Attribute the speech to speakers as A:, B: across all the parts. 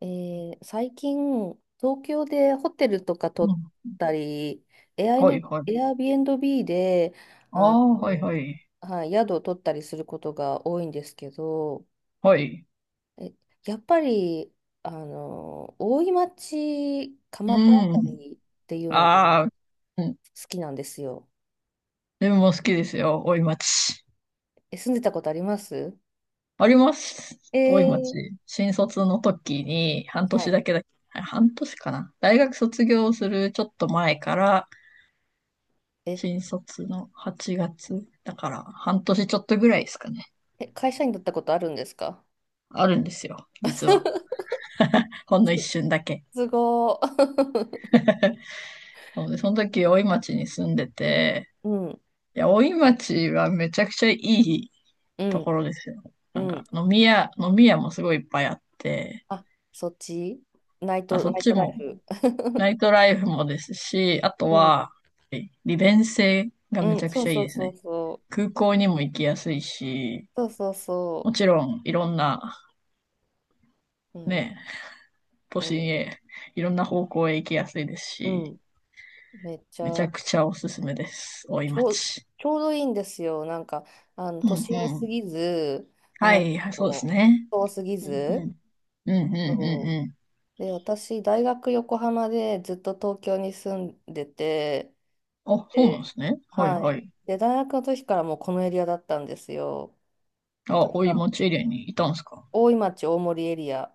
A: 最近、東京でホテルとか取
B: う
A: っ
B: ん。
A: たり、エアイ
B: はい
A: の、
B: は
A: エ
B: い。
A: アビーンビーで、
B: あ
A: あ
B: あ、はい
A: の、
B: はい。
A: はい、宿を取ったりすることが多いんですけど、
B: はい。
A: え、やっぱり、大井町、
B: う
A: 蒲田あた
B: ん。
A: りっていうのが
B: あ
A: 好
B: あ、うん。
A: きなんですよ。
B: 自分も好きですよ。大井町。
A: 住んでたことあります？
B: あります。
A: え
B: 大井町。
A: ー
B: 新卒の時に半
A: は
B: 年
A: い。
B: だけだ、あ半年かな。大学卒業するちょっと前から、
A: え、
B: 新卒の8月だから半年ちょっとぐらいですかね。
A: 会社員だったことあるんですか？
B: あるんですよ。実は。ほんの一瞬だけ。
A: すごー。
B: なので、その時大井町に住んでて、
A: うん、
B: いや、大井町はめちゃくちゃいい
A: う
B: と
A: ん、
B: ころですよ。
A: う
B: なん
A: ん。
B: か、飲み屋もすごいいっぱいあって、
A: あ、そっちナイ
B: あ、
A: ト、
B: そ
A: ナ
B: っ
A: イ
B: ち
A: トライ
B: も、
A: フ。
B: ナ イトライフもですし、あと
A: うん、
B: は、利便性が
A: う
B: めち
A: ん、
B: ゃく
A: そう
B: ちゃいい
A: そう
B: です
A: そう
B: ね。
A: そう。
B: 空港にも行きやすいし、
A: そうそう
B: も
A: そ
B: ちろん、いろんな、
A: う。うん、
B: ね、都
A: う
B: 心
A: ん、
B: へ、いろんな方向へ行きやすいです
A: う
B: し、
A: ん。めっち
B: めち
A: ゃ、
B: ゃくちゃおすすめです。大井
A: ちょう、
B: 町。
A: ちょうどいいんですよ。なんか、
B: うん
A: 都心
B: う
A: す
B: ん。
A: ぎず、
B: は
A: あ
B: い、はいそうです
A: の、
B: ね。
A: 遠すぎ
B: うんう
A: ず。
B: ん。うんうん
A: そ
B: うんう
A: う。で、私、大学横浜でずっと東京に住んでて、
B: ん。あ、そうなんで
A: で、
B: すね。はい
A: は
B: は
A: い。
B: い。
A: で、大学の時からもうこのエリアだったんですよ。
B: あ、
A: だか
B: 大井
A: ら、
B: 町エリアにいたんですか？
A: 大井町、大森エリア。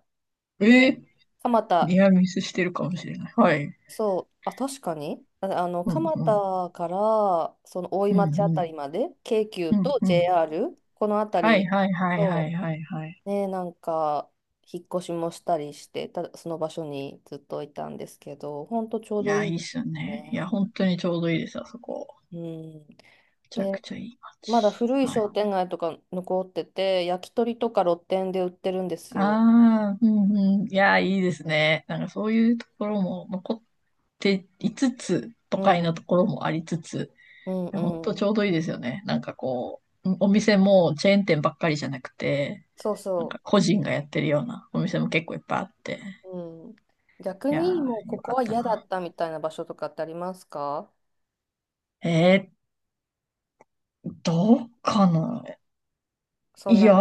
B: え
A: で、
B: ー、
A: 蒲田、
B: ニアミスしてるかもしれない。はい。
A: そう、あ、確かに、あ、
B: うん、
A: 蒲
B: うん。
A: 田から、その大井
B: うん、う
A: 町あたりま
B: ん。
A: で、京急
B: うん、
A: と
B: うん。
A: JR、このあた
B: はい、
A: り、
B: はい、はい、は
A: そ
B: い、はい、はい。
A: う、ね、なんか、引っ越しもしたりして、その場所にずっといたんですけど、ほんとちょう
B: い
A: どい
B: や、
A: い
B: い
A: ん
B: いっ
A: です
B: すよ
A: よ
B: ね。いや、
A: ね。
B: 本当にちょうどいいです、あそこ。
A: うん。
B: めちゃく
A: で、
B: ちゃいい
A: まだ
B: 街。
A: 古い
B: は
A: 商
B: い。
A: 店街とか残ってて、焼き鳥とか露店で売ってるんですよ。
B: ああ、うん、うん。いや、いいですね。なんかそういうところも残っていつつ、都
A: う
B: 会
A: ん、
B: のところもありつつ、
A: うん、
B: いや、本当
A: う
B: ち
A: ん。
B: ょうどいいですよね。なんかこう、お店もチェーン店ばっかりじゃなくて、
A: そう
B: なんか
A: そう。
B: 個人がやってるようなお店も結構いっぱいあって。
A: うん。逆
B: いや
A: にもう
B: ー、
A: こ
B: よ
A: こ
B: かっ
A: は
B: た
A: 嫌だ
B: な。
A: ったみたいな場所とかってありますか？
B: えー、どうかな？
A: そん
B: い
A: な
B: や、
A: に、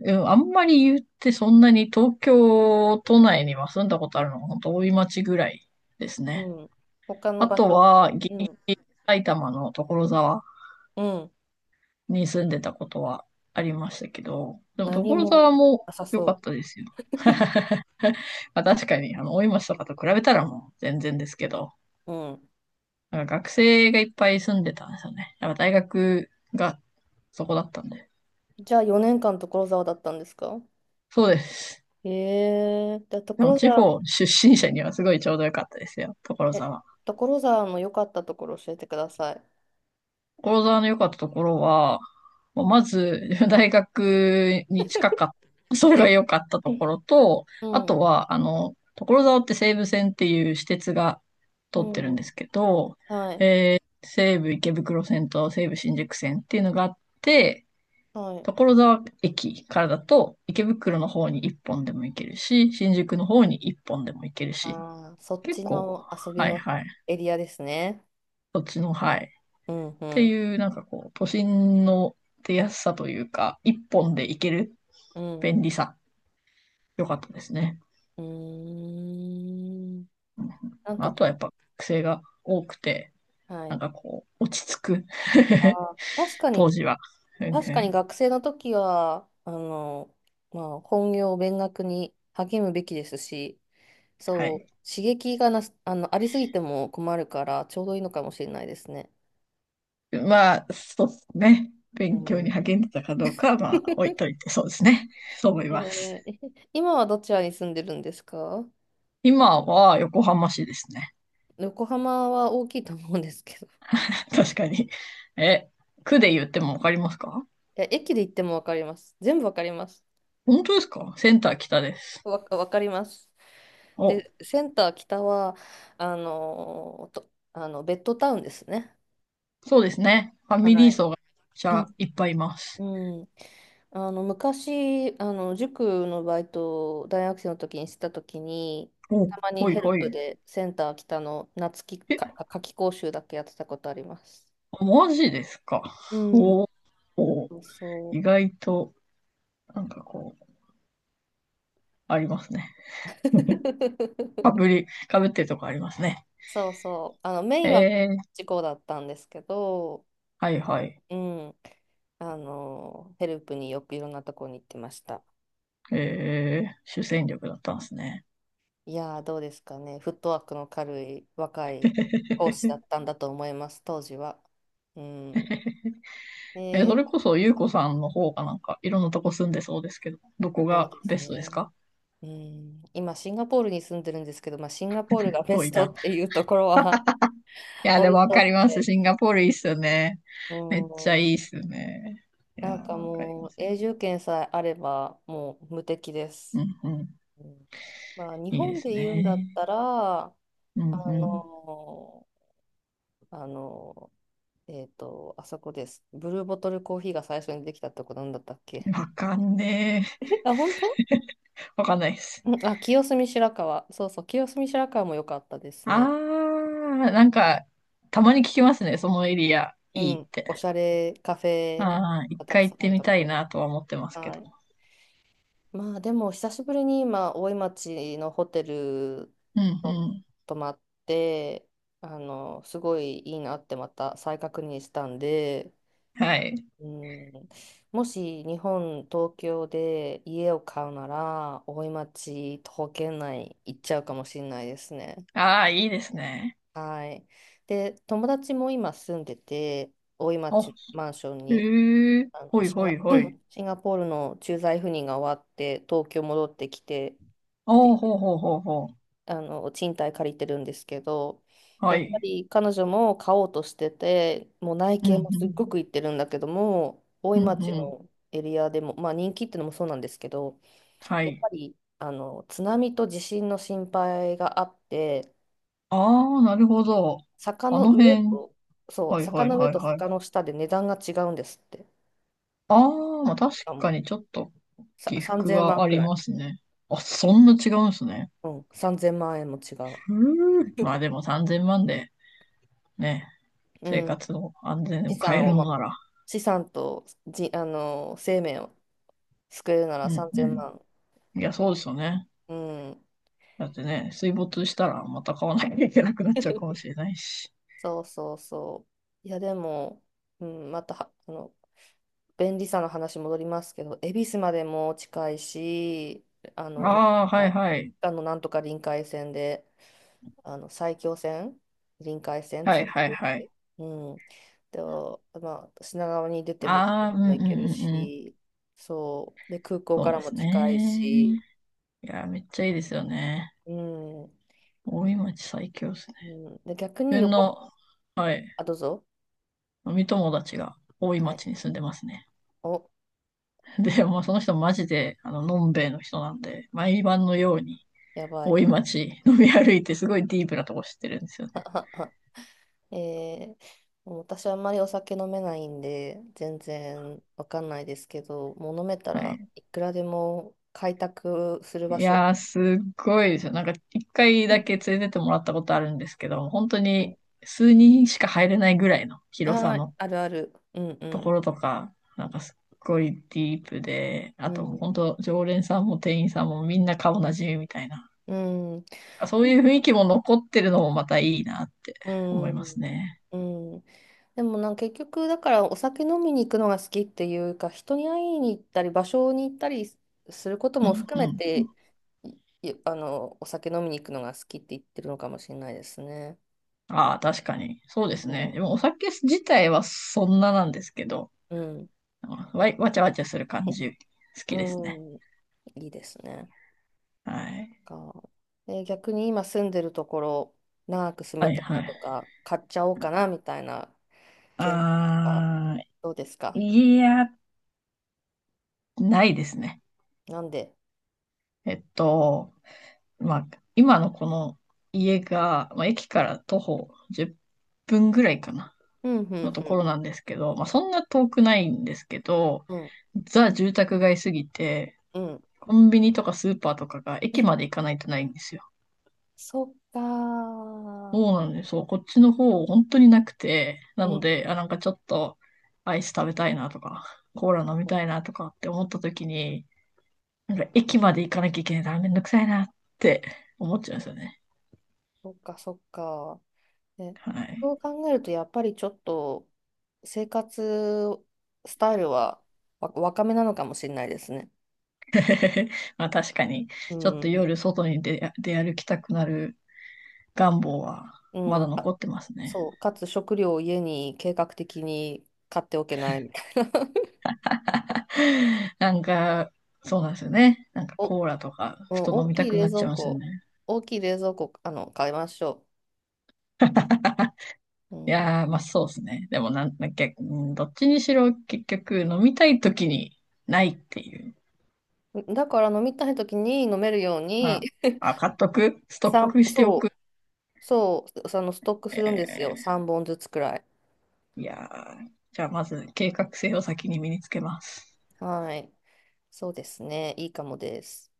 B: うんあんまり言って、そんなに東京都内には住んだことあるのは本当大井町ぐらいです
A: う
B: ね。
A: ん。他の
B: あ
A: 場
B: と
A: 所と
B: は、
A: か、
B: ギ
A: う
B: リギリ
A: ん。
B: 埼玉の所沢
A: うん。
B: に住んでたことはありましたけど、でも
A: 何
B: 所沢
A: も
B: も
A: なさ
B: 良か
A: そ
B: ったですよ。まあ確かに、あの、大井町とかと比べたらもう全然ですけど、
A: う。うん。
B: なんか学生がいっぱい住んでたんですよね。やっぱ大学がそこだったんで。
A: じゃあ4年間所沢だったんですか？
B: そうです。
A: ええー、じゃあ
B: でも
A: 所
B: 地
A: 沢、
B: 方出身者にはすごいちょうど良かったですよ、所
A: え、
B: 沢。
A: 所沢の良かったところ教えてください。
B: 所沢の良かったところは、もうまず 大学に近かった。それが良かったとこ ろと、
A: う
B: あ
A: ん。
B: とは、あの、所沢って西武線っていう私鉄が通
A: う
B: ってる
A: ん。う
B: んで
A: ん、
B: すけど、
A: はい。
B: 西武池袋線と西武新宿線っていうのがあって、
A: はい。
B: 所沢駅からだと池袋の方に1本でも行けるし、新宿の方に1本でも行けるし、
A: ああ、そっ
B: 結
A: ち
B: 構、
A: の遊び
B: はい
A: の
B: はい、
A: エリアですね。
B: そっちの、はい、
A: うんう
B: て
A: ん。
B: いう、なんかこう、都心の出やすさというか、一本で行ける
A: うん。
B: 便利さ、良かったですね。
A: うーん。
B: うん、
A: なんか、
B: あとはやっぱ癖が多くて、
A: は
B: なん
A: い。
B: かこう、落ち着く。
A: あ ー、確かに、
B: 当時は。うん
A: 確
B: う
A: かに
B: ん、
A: 学生の時は、まあ、本業、勉学に励むべきですし、
B: は
A: そ
B: い。
A: う、刺激がなす、あの、ありすぎても困るから、ちょうどいいのかもしれないですね。
B: まあ、そうですね。
A: う
B: 勉強に
A: ん。
B: 励んでたかどうかは、まあ、置いとい て、そうですね。そう思います。
A: 今はどちらに住んでるんですか？
B: 今は横浜市ですね。
A: 横浜は大きいと思うんですけど。い
B: 確かに。え、区で言ってもわかりますか？
A: や、駅で行ってもわかります。全部わかります。
B: 本当ですか？センター北です。
A: わかります。
B: お、
A: で、センター北は、あのと、あの、ベッドタウンですね。
B: そうですね。ファミ
A: は
B: リー
A: い。
B: 層がめちゃ いっぱいいま
A: う
B: す。
A: ん。昔、塾のバイトを大学生の時にしてた時に、
B: お、
A: たまに
B: ほい
A: ヘル
B: ほ
A: プ
B: い。
A: でセンター北の夏期
B: え、
A: かか夏期講習だけやってたことあります。
B: マジですか。
A: うん。
B: おお、
A: そうそ
B: 意
A: う。
B: 外と、なんかこう、ありますね。かぶ り、かぶってるとこありますね。
A: そうそう。メイ
B: え
A: ンは
B: ー、
A: 事故だったんですけど、
B: はいはい。
A: うん。ヘルプによくいろんなとこに行ってました。
B: えー、主戦力だったんですね。
A: いやー、どうですかね。フットワークの軽い若い講師だったんだと思います、当時は。うん。
B: えー、そ
A: で、
B: れこそ、ゆうこさんの方がなんか、いろんなとこ住んでそうですけど、どこ
A: そう
B: が
A: です
B: ベストです
A: ね。
B: か？
A: うん、今、シンガポールに住んでるんですけど、まあ、シンガポールがベ
B: 遠
A: ス
B: い
A: ト
B: な。
A: っていうところは
B: い や、で
A: 置
B: も
A: い
B: わ
A: とい
B: かります。
A: て、
B: シンガポールいいっすよね。
A: う
B: めっちゃ
A: ん、
B: いいっすよね。いやー、
A: なんか
B: わかり
A: も
B: ま
A: う、
B: すよ。
A: 永住権さえあれば、もう無敵で
B: う
A: す。
B: んうん。
A: うん、まあ、日
B: いいで
A: 本で
B: す
A: 言うんだっ
B: ね。
A: たら、
B: うんうん。
A: の、あのあそこです。ブルーボトルコーヒーが最初にできたとこなんだったっけ？
B: わかんね え。
A: あ、本当？
B: わかんないです。
A: うん、あ、清澄白河。そうそう、清澄白河も良かったです
B: あ
A: ね。
B: ー、なんか、たまに聞きますね、そのエリア、
A: う
B: いいっ
A: ん、
B: て。
A: おしゃれカフェ
B: あー、一
A: がたく
B: 回行
A: さ
B: っ
A: んあ
B: て
A: る
B: み
A: と
B: た
A: こ
B: い
A: ろ。
B: なとは思ってますけ
A: は
B: ど。
A: い。まあでも、久しぶりに今、大井町のホテル
B: うん
A: と
B: うん。
A: 泊まって、すごいいいなってまた再確認したんで、
B: はい。
A: うん、もし日本、東京で家を買うなら、大井町、徒歩圏内行っちゃうかもしれないですね。
B: あー、いいですね。
A: はい。で、友達も今住んでて、大井
B: お、
A: 町マンションに、
B: へえ、
A: あ
B: ほ
A: の
B: い
A: シン
B: ほ
A: ガ、
B: いほい。
A: シンガポールの駐在赴任が終わって、東京戻ってきて、
B: おー、
A: で
B: ほうほうほうほう。
A: 賃貸借りてるんですけど、
B: は
A: やっぱ
B: い。
A: り彼女も買おうとしてて、もう内
B: うんう
A: 見もすっ
B: ん。
A: ごく行ってるんだけども、大井
B: うん
A: 町
B: うん。
A: のエリアでも、まあ、人気ってのもそうなんですけど、
B: は
A: やっ
B: い。
A: ぱり津波と地震の心配があって、
B: あー、なるほど。
A: 坂
B: あ
A: の
B: の
A: 上
B: 辺。
A: と、そう、
B: はい
A: 坂
B: はい
A: の上
B: はい
A: と
B: はい。
A: 坂の下で値段が違うんですって。
B: ああ、まあ確
A: しかも
B: かにちょっと
A: さ
B: 起伏
A: 3000
B: が
A: 万
B: あ
A: く
B: り
A: らい。
B: ますね。あ、そんな違うんですね。
A: うん、3000万円も違う。
B: ふう、まあ でも3000万でね、
A: う
B: 生
A: ん、
B: 活の安全
A: 資
B: を変え
A: 産
B: る
A: を、
B: の
A: ま、
B: なら。
A: 資産とじ、あの生命を作れるな
B: う
A: ら
B: ん
A: 3000
B: う
A: 万。
B: ん。いや、そうですよね。
A: うん。
B: だってね、水没したらまた買わなきゃいけなくなっちゃうかもしれないし。
A: そうそうそう。いや、でも、うん、または、便利さの話戻りますけど、恵比寿までも近いし、なん
B: ああ、はい
A: か、
B: はい。
A: なんとか臨海線で、埼京線、臨海線
B: は
A: つ
B: い
A: ながっ
B: はい
A: て
B: はい。
A: る。うん。で、まあ、品川に出ても、ど
B: あ
A: こ
B: あ、うん
A: でも
B: うん
A: 行ける
B: うんうん。
A: し、そう。で、空港か
B: そう
A: ら
B: で
A: も
B: す
A: 近い
B: ね。
A: し、
B: いや、めっちゃいいですよね。
A: うん。
B: 大井町最強ですね。
A: うん、で、逆に
B: 自分
A: 横、
B: の、はい。
A: あ、どうぞ。
B: 飲み友達が多い
A: はい。
B: 町に住んでますね。
A: お、
B: で、もうその人マジで、あの、のんべえの人なんで、毎晩のように
A: やばい。
B: 大井町飲み歩いてすごいディープなとこ知ってるんですよね。
A: えー、もう私あんまりお酒飲めないんで、全然わかんないですけど、もう飲めた
B: は
A: ら
B: い。
A: いくらでも開拓する場
B: い
A: 所。
B: やー、すっごいですよ。なんか一回だけ連れてってもらったことあるんですけど、本当
A: うん、は
B: に
A: い、
B: 数人しか入れないぐらいの広さ
A: あー、
B: の
A: あるある。うんう
B: とこ
A: ん。
B: ろとか、なんかすっごいディープで、
A: う
B: あと、もう
A: ん。
B: 本当、常連さんも店員さんもみんな顔なじみみたいな。
A: うん。
B: あ、そういう雰囲気も残ってるのもまたいいなって
A: う
B: 思
A: ん、
B: いますね。
A: うん。でもなんか結局だからお酒飲みに行くのが好きっていうか人に会いに行ったり場所に行ったりすること
B: うん
A: も含
B: う
A: め
B: んう
A: て
B: ん。
A: いい、お酒飲みに行くのが好きって言ってるのかもしれないですね。
B: ああ、確かに。そう
A: う
B: ですね。
A: ん、
B: でもお酒自体はそんななんですけど、
A: うん、
B: わちゃわちゃする感じ、好
A: う
B: きですね。
A: ん、いいですね。
B: はい。
A: か、逆に今住んでるところ長く住
B: は
A: み
B: い
A: たい
B: は
A: な
B: い。
A: とか買っちゃおうかなみたいな検討とか
B: ああ、
A: どうですか？
B: いや、ないですね。
A: なんで？
B: えっと、まあ、今のこの家が、まあ、駅から徒歩10分ぐらいかな。
A: うんう
B: の
A: ん
B: と
A: う
B: こ
A: ん
B: ろなんですけど、まあ、そんな遠くないんですけど、
A: うん
B: ザ住宅街すぎて、
A: うん、
B: コンビニとかスーパーとかが駅まで行かないとないんですよ。
A: そっか
B: そう
A: ー。
B: なんです。そう、こっちの方本当になくて、な
A: う
B: の
A: ん、
B: で、あ、なんかちょっとアイス食べたいなとか、コーラ飲みたいなとかって思った時に、なんか駅まで行かなきゃいけないからめんどくさいなって思っちゃうんですよね。
A: そっかそっか。ね、
B: はい。
A: そう考えると、やっぱりちょっと生活スタイルは若めなのかもしれないですね。
B: まあ確かに、
A: う
B: ちょっと
A: ん、
B: 夜外に出歩きたくなる願望はま
A: う
B: だ
A: ん、
B: 残ってますね。
A: そう、かつ食料を家に計画的に買っておけないみたいな。
B: なんか、そうなんですよね。なんか
A: お、うん、
B: コーラとか、ふと飲
A: 大
B: みた
A: きい
B: く
A: 冷
B: なっち
A: 蔵
B: ゃいますよ
A: 庫、
B: ね。
A: 大きい冷蔵庫、買いましょう。
B: い
A: う
B: やー、まあそうですね。でもなんだっけ、うん、どっちにしろ結局飲みたい時にないっていう。
A: ん、だから飲みたい時に飲めるよう
B: ま
A: に、
B: あ、あ、買っとく、ス トックしておく。
A: そうそう、そのストックするんですよ。
B: え
A: 3本ずつくらい。
B: ー、いやー、じゃあまず計画性を先に身につけます。
A: はい。そうですね。いいかもです。